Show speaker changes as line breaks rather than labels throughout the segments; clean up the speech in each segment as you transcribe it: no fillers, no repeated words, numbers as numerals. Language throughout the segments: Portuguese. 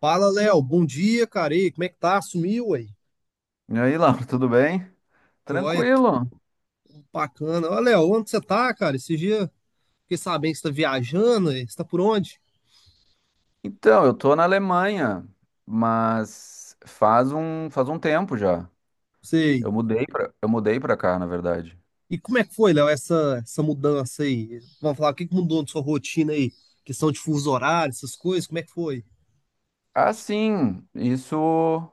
Fala, Léo. Bom dia, cara. E aí, como é que tá? Sumiu, aí?
E aí, Laura, tudo bem?
Joia, tudo
Tranquilo.
bacana. Ô, Léo, onde você tá, cara? Esse dia fiquei sabendo que você tá viajando, aí. Você tá por onde?
Então, eu tô na Alemanha, mas faz um tempo já.
Sei.
Eu mudei pra cá, na verdade.
E como é que foi, Léo, essa mudança aí? Vamos falar, o que que mudou na sua rotina aí? Questão de fuso horário, essas coisas, como é que foi?
Ah, sim, isso,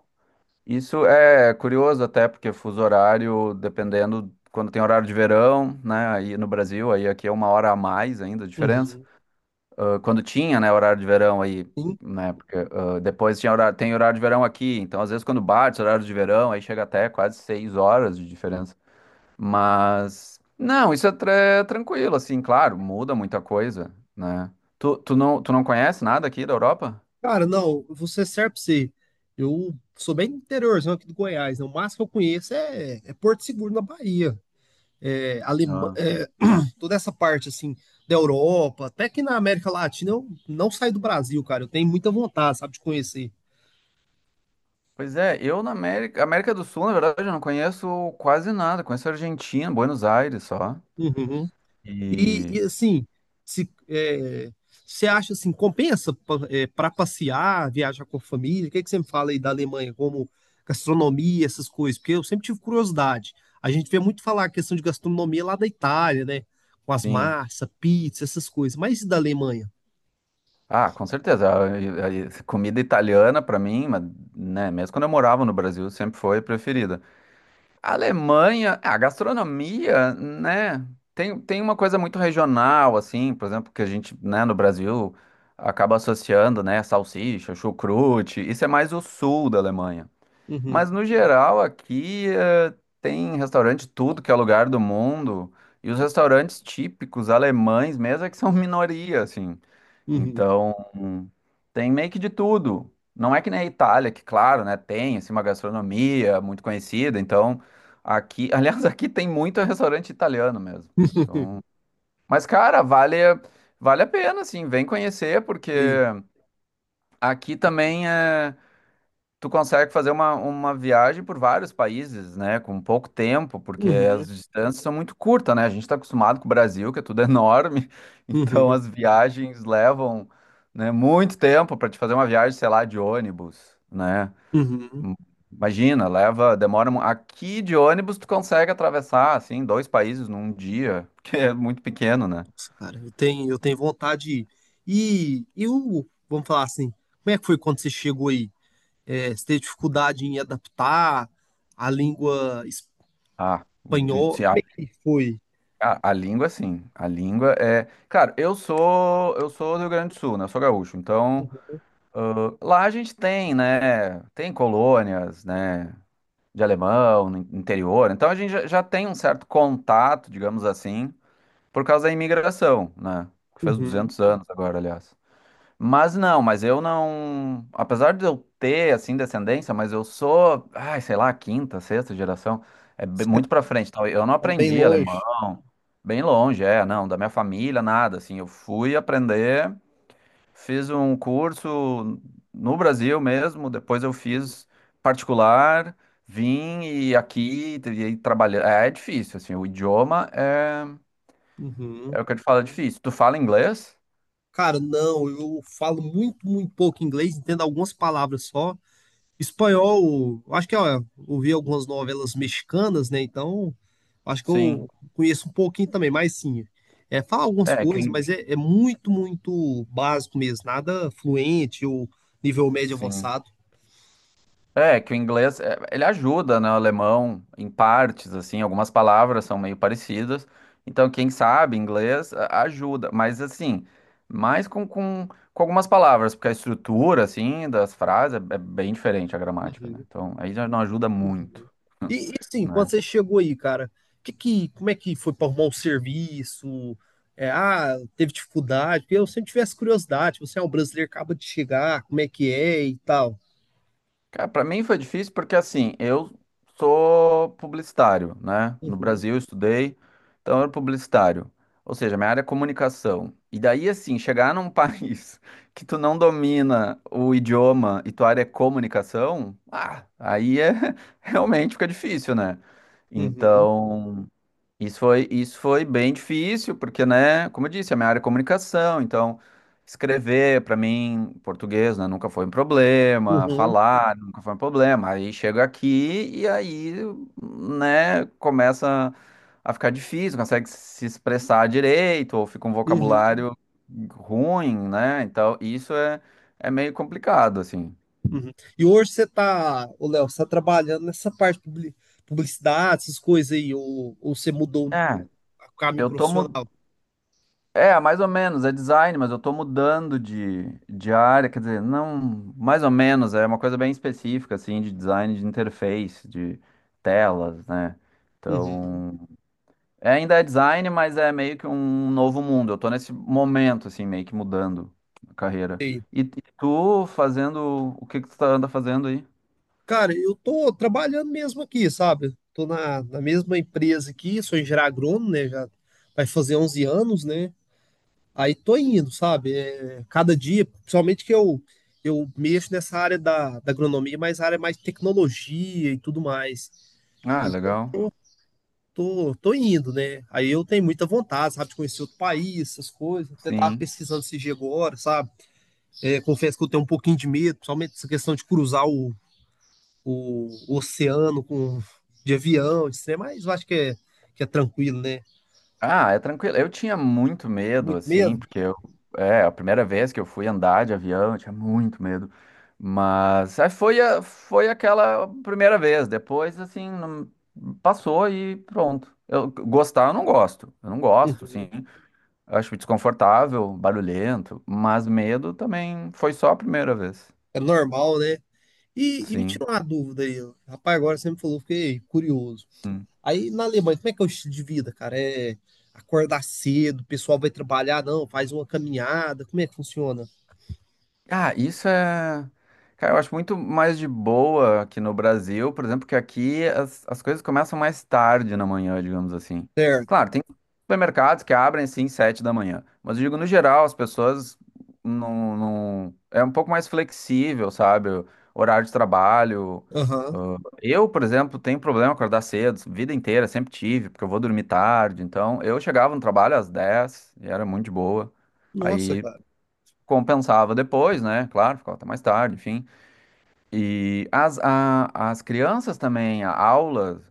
isso é curioso até, porque fuso horário, dependendo, quando tem horário de verão, né, aí no Brasil, aí aqui é 1 hora a mais ainda, a diferença.
Uhum.
Quando tinha, né, horário de verão aí,
Sim.
né, porque depois tem horário de verão aqui, então às vezes quando bate horário de verão, aí chega até quase 6 horas de diferença. Mas, não, isso é tranquilo, assim, claro, muda muita coisa, né? Tu não conhece nada aqui da Europa?
Cara, não, você serve pra você. Eu sou bem interiorzão aqui do Goiás, né? O máximo que eu conheço é Porto Seguro, na Bahia. é, Alema,
Ah.
é, toda essa parte assim da Europa, até que na América Latina eu não saí do Brasil, cara. Eu tenho muita vontade, sabe, de conhecer.
Pois é, América do Sul, na verdade, eu não conheço quase nada. Conheço a Argentina, Buenos Aires só.
Uhum. E
E
assim, se é, você acha assim, compensa para passear, viajar com a família? O que é que você me fala aí da Alemanha, como gastronomia, essas coisas? Porque eu sempre tive curiosidade. A gente vê muito falar a questão de gastronomia lá da Itália, né? Com as
sim.
massas, pizza, essas coisas. Mas e da Alemanha?
Ah, com certeza. A comida italiana, para mim, mas, né, mesmo quando eu morava no Brasil, sempre foi preferida. A Alemanha, a gastronomia, né, tem uma coisa muito regional, assim, por exemplo, que a gente, né, no Brasil, acaba associando, né, salsicha, chucrute, isso é mais o sul da Alemanha.
Uhum.
Mas, no geral, aqui, tem restaurante tudo que é lugar do mundo, e os restaurantes típicos alemães mesmo é que são minoria, assim.
Uhum.
Então, tem meio que de tudo. Não é que nem a Itália, que claro, né, tem assim, uma gastronomia muito conhecida. Então, aqui, aliás, aqui tem muito restaurante italiano mesmo. Então, mas cara, vale a pena assim, vem conhecer porque aqui também é tu consegue fazer uma viagem por vários países, né? Com pouco tempo, porque
Uhum,
as distâncias são muito curtas, né? A gente está acostumado com o Brasil, que é tudo enorme, então
uhum,
as viagens levam, né, muito tempo para te fazer uma viagem, sei lá, de ônibus, né?
uhum.
Hum, Imagina, leva, demora. Aqui de ônibus tu consegue atravessar, assim, dois países num dia, porque é muito pequeno, né?
Nossa, cara, eu tenho vontade de ir. E o, vamos falar assim, como é que foi quando você chegou aí? É, você teve dificuldade em adaptar a língua
Ah,
espanhola? Como é que foi?
a língua, sim. A língua é. Cara, eu sou do Rio Grande do Sul, né? Eu sou gaúcho. Então, lá a gente tem, né? Tem colônias, né? De alemão, no interior. Então a gente já tem um certo contato, digamos assim, por causa da imigração, né? Que faz
Uhum.
200 anos agora, aliás. Mas não, mas eu não. Apesar de eu ter, assim, descendência, mas eu sou, sei lá, quinta, sexta geração. É bem-
Você
muito pra frente. Então, eu não
tá bem
aprendi alemão,
longe.
bem longe, é, não, da minha família, nada. Assim, eu fui aprender, fiz um curso no Brasil mesmo, depois eu fiz particular, vim e aqui e aí trabalhei. é difícil assim, o idioma é,
Uhum.
é o que eu te falo, é difícil. Tu fala inglês?
Cara, não, eu falo muito, muito pouco inglês, entendo algumas palavras só. Espanhol, acho que ó, eu ouvi algumas novelas mexicanas, né? Então, acho que
Sim.
eu conheço um pouquinho também, mas sim, é, fala algumas
É,
coisas,
quem.
mas é muito, muito básico mesmo, nada fluente ou nível médio
Sim.
avançado.
É, que o inglês, é, ele ajuda, né, o alemão em partes, assim, algumas palavras são meio parecidas. Então, quem sabe inglês ajuda, mas assim, mais com algumas palavras, porque a estrutura, assim, das frases é bem diferente a gramática, né?
Uhum,
Então, aí já não ajuda muito,
uhum. E assim, quando
né?
você chegou aí, cara, que, como é que foi para arrumar um serviço? É, ah, teve dificuldade? Porque eu sempre tivesse curiosidade, você é um brasileiro, acaba de chegar, como é que é e tal.
Cara, para mim foi difícil porque assim, eu sou publicitário, né? No
Uhum.
Brasil eu estudei, então eu era publicitário. Ou seja, minha área é comunicação. E daí assim, chegar num país que tu não domina o idioma e tua área é comunicação, ah, aí é realmente fica difícil, né?
Uhum,
Então, isso foi bem difícil, porque, né, como eu disse, a minha área é comunicação, então escrever para mim, português, né, nunca foi um problema,
uhum.
falar nunca foi um problema. Aí chego aqui e aí, né, começa a ficar difícil, consegue se expressar direito, ou fica um
Uhum.
vocabulário ruim, né? Então, isso é meio complicado, assim.
E hoje você tá, ô Léo, você tá trabalhando nessa parte de publicidade, essas coisas aí, ou você mudou
É,
o caminho
eu tô mu-
profissional?
é, mais ou menos, é design, mas eu tô mudando de área, quer dizer, não, mais ou menos, é uma coisa bem específica, assim, de design de interface, de telas, né?
Uhum.
Então, é, ainda é design, mas é meio que um novo mundo. Eu tô nesse momento, assim, meio que mudando a carreira.
Sei.
E tu fazendo, o que que tu tá, anda fazendo aí?
Cara, eu tô trabalhando mesmo aqui, sabe? Tô na mesma empresa aqui, sou engenheiro agrônomo, né? Já vai fazer 11 anos, né? Aí tô indo, sabe? É, cada dia, principalmente que eu mexo nessa área da agronomia, mas a área mais tecnologia e tudo mais.
Ah, legal.
Tô indo, né? Aí eu tenho muita vontade, sabe, de conhecer outro país, essas coisas. Até tava
Sim.
pesquisando esse dia agora, sabe? É, confesso que eu tenho um pouquinho de medo, principalmente essa questão de cruzar o oceano de avião, de trem, mas eu acho que é tranquilo, né?
Ah, é tranquilo. Eu tinha muito medo,
Muito
assim,
medo,
porque eu, é, a primeira vez que eu fui andar de avião, eu tinha muito medo. Mas aí foi aquela primeira vez. Depois, assim, não- passou e pronto. Eu não gosto. Eu não gosto, sim. Acho desconfortável, barulhento, mas medo também foi só a primeira vez.
é normal, né? E me
Sim.
tira uma dúvida aí, ó, rapaz, agora você me falou, fiquei curioso.
Hum.
Aí na Alemanha, como é que é o estilo de vida, cara? É acordar cedo, o pessoal vai trabalhar, não, faz uma caminhada, como é que funciona?
Ah, isso é. Cara, eu acho muito mais de boa aqui no Brasil, por exemplo, que aqui as coisas começam mais tarde na manhã, digamos assim.
Certo.
Claro, tem supermercados que abrem sim 7 da manhã, mas eu digo no geral, as pessoas não, não é um pouco mais flexível, sabe? O horário de trabalho.
Aham.
Ah, eu, por exemplo, tenho problema acordar cedo, vida inteira, sempre tive, porque eu vou dormir tarde. Então, eu chegava no trabalho às 10 e era muito de boa.
Nossa,
Aí
cara.
compensava depois, né? Claro, ficava até mais tarde, enfim. E as crianças também, a aula.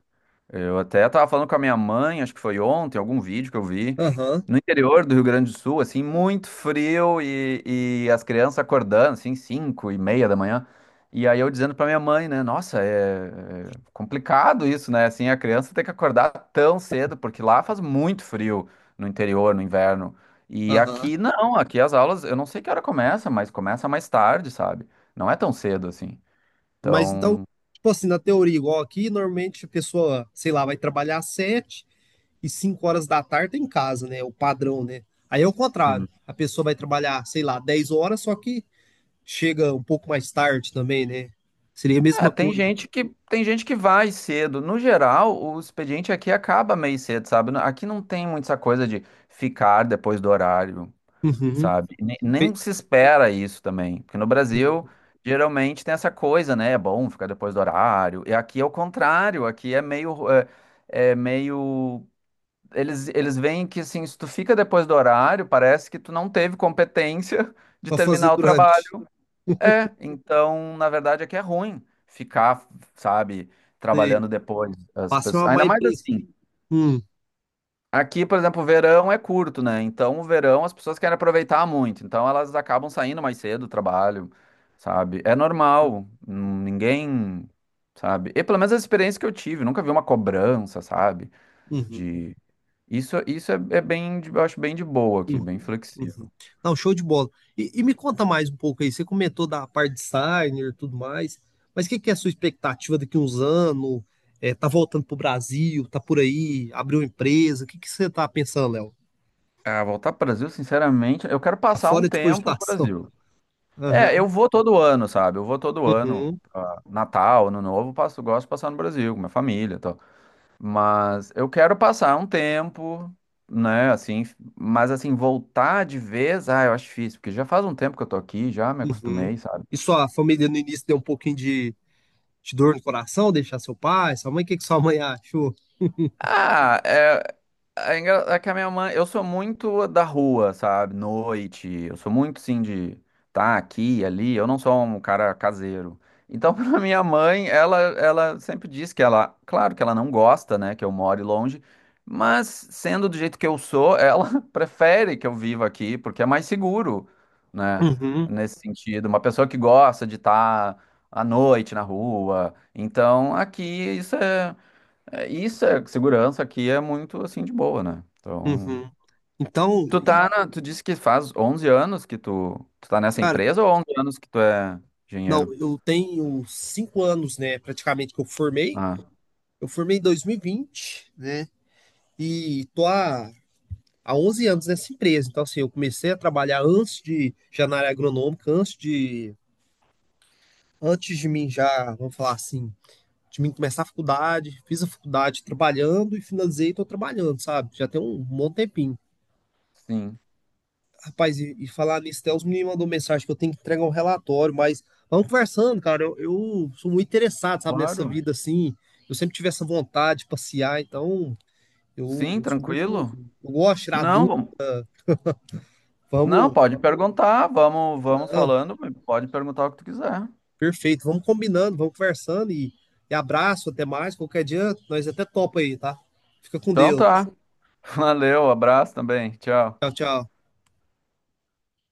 Eu até tava falando com a minha mãe, acho que foi ontem, algum vídeo que eu vi,
Aham.
no interior do Rio Grande do Sul, assim, muito frio e as crianças acordando, assim, 5:30 da manhã. E aí eu dizendo pra minha mãe, né, nossa, é, é complicado isso, né, assim, a criança tem que acordar tão cedo, porque lá faz muito frio no interior, no inverno. E
Aham.
aqui não, aqui as aulas, eu não sei que hora começa, mas começa mais tarde, sabe? Não é tão cedo assim.
Mas então,
Então.
tipo assim, na teoria, igual aqui, normalmente a pessoa, sei lá, vai trabalhar às sete e cinco horas da tarde tá em casa, né? O padrão, né? Aí é o contrário. A pessoa vai trabalhar, sei lá, 10 horas, só que chega um pouco mais tarde também, né? Seria a
É,
mesma
tem
coisa.
gente que tem gente que vai cedo. No geral, o expediente aqui acaba meio cedo, sabe? Aqui não tem muito essa coisa de ficar depois do horário,
Uhum.
sabe? Nem, nem
Fe-
se espera isso também, porque no Brasil
uhum.
geralmente tem essa coisa, né? É bom ficar depois do horário. E aqui é o contrário. Aqui é meio, eles veem que assim, se tu fica depois do horário, parece que tu não teve competência de
Pra fazer
terminar o
durante.
trabalho. É, então, na verdade, é que é ruim ficar, sabe,
Sei.
trabalhando depois. As
Passa
pessoas.
uma má
Ainda mais
impressão.
assim,
Hum.
aqui, por exemplo, o verão é curto, né? Então, o verão as pessoas querem aproveitar muito. Então, elas acabam saindo mais cedo do trabalho, sabe? É normal. Ninguém, sabe? E pelo menos a experiência que eu tive, nunca vi uma cobrança, sabe?
Uhum.
De. Isso é, é bem, eu acho bem de boa aqui,
Uhum,
bem
uhum.
flexível.
Não, show de bola. E me conta mais um pouco aí. Você comentou da parte designer e tudo mais, mas o que, que é a sua expectativa daqui a uns anos? É, tá voltando pro Brasil? Tá por aí? Abriu uma empresa? O que, que você tá pensando, Léo?
Ah, voltar para o Brasil, sinceramente, eu quero
Tá
passar um
fora de
tempo no
cogitação.
Brasil. É,
Aham,
eu vou todo ano, sabe? Eu vou todo ano.
uhum,
Natal, Ano Novo, passo, gosto de passar no Brasil, com minha família e tal. Mas eu quero passar um tempo, né? Assim, mas assim, voltar de vez, ah, eu acho difícil, porque já faz um tempo que eu tô aqui, já me
uhum.
acostumei, sabe?
E sua família no início deu um pouquinho de dor no coração, deixar seu pai, sua mãe? O que, que sua mãe achou?
Ah, é. É engra- é que a minha mãe, eu sou muito da rua, sabe? Noite, eu sou muito sim de tá aqui, ali, eu não sou um cara caseiro. Então, pra minha mãe, ela sempre diz que ela, claro que ela não gosta, né, que eu more longe, mas sendo do jeito que eu sou, ela prefere que eu viva aqui, porque é mais seguro, né?
Uhum,
Nesse sentido, uma pessoa que gosta de estar à noite na rua. Então, aqui isso é. É, isso é segurança aqui é muito assim de boa, né? Então,
uhum. Então, e,
tu disse que faz 11 anos que tu tá nessa
cara,
empresa ou 11 anos que tu é
não,
engenheiro?
eu tenho 5 anos, né, praticamente que eu formei.
Ah,
Eu formei em 2020, né? E tô há 11 anos nessa empresa. Então, assim, eu comecei a trabalhar antes de já na área agronômica, antes de mim já, vamos falar assim, de mim começar a faculdade. Fiz a faculdade trabalhando e finalizei e tô trabalhando, sabe? Já tem um bom tempinho.
sim.
Rapaz, e falar nisso, até os meninos mandou mensagem que eu tenho que entregar um relatório, mas vamos conversando, cara. Eu sou muito interessado, sabe, nessa
Claro.
vida assim. Eu sempre tive essa vontade de passear, então. Eu,
Sim,
eu sou muito.
tranquilo.
Eu gosto de tirar
Não,
dúvida.
não,
Vamos.
pode perguntar, vamos
Não,
falando, pode perguntar o que tu quiser.
perfeito. Vamos combinando, vamos conversando e abraço, até mais. Qualquer dia, nós até topa aí, tá? Fica com
Então
Deus.
tá. Valeu, abraço também. Tchau.
Tchau, tchau.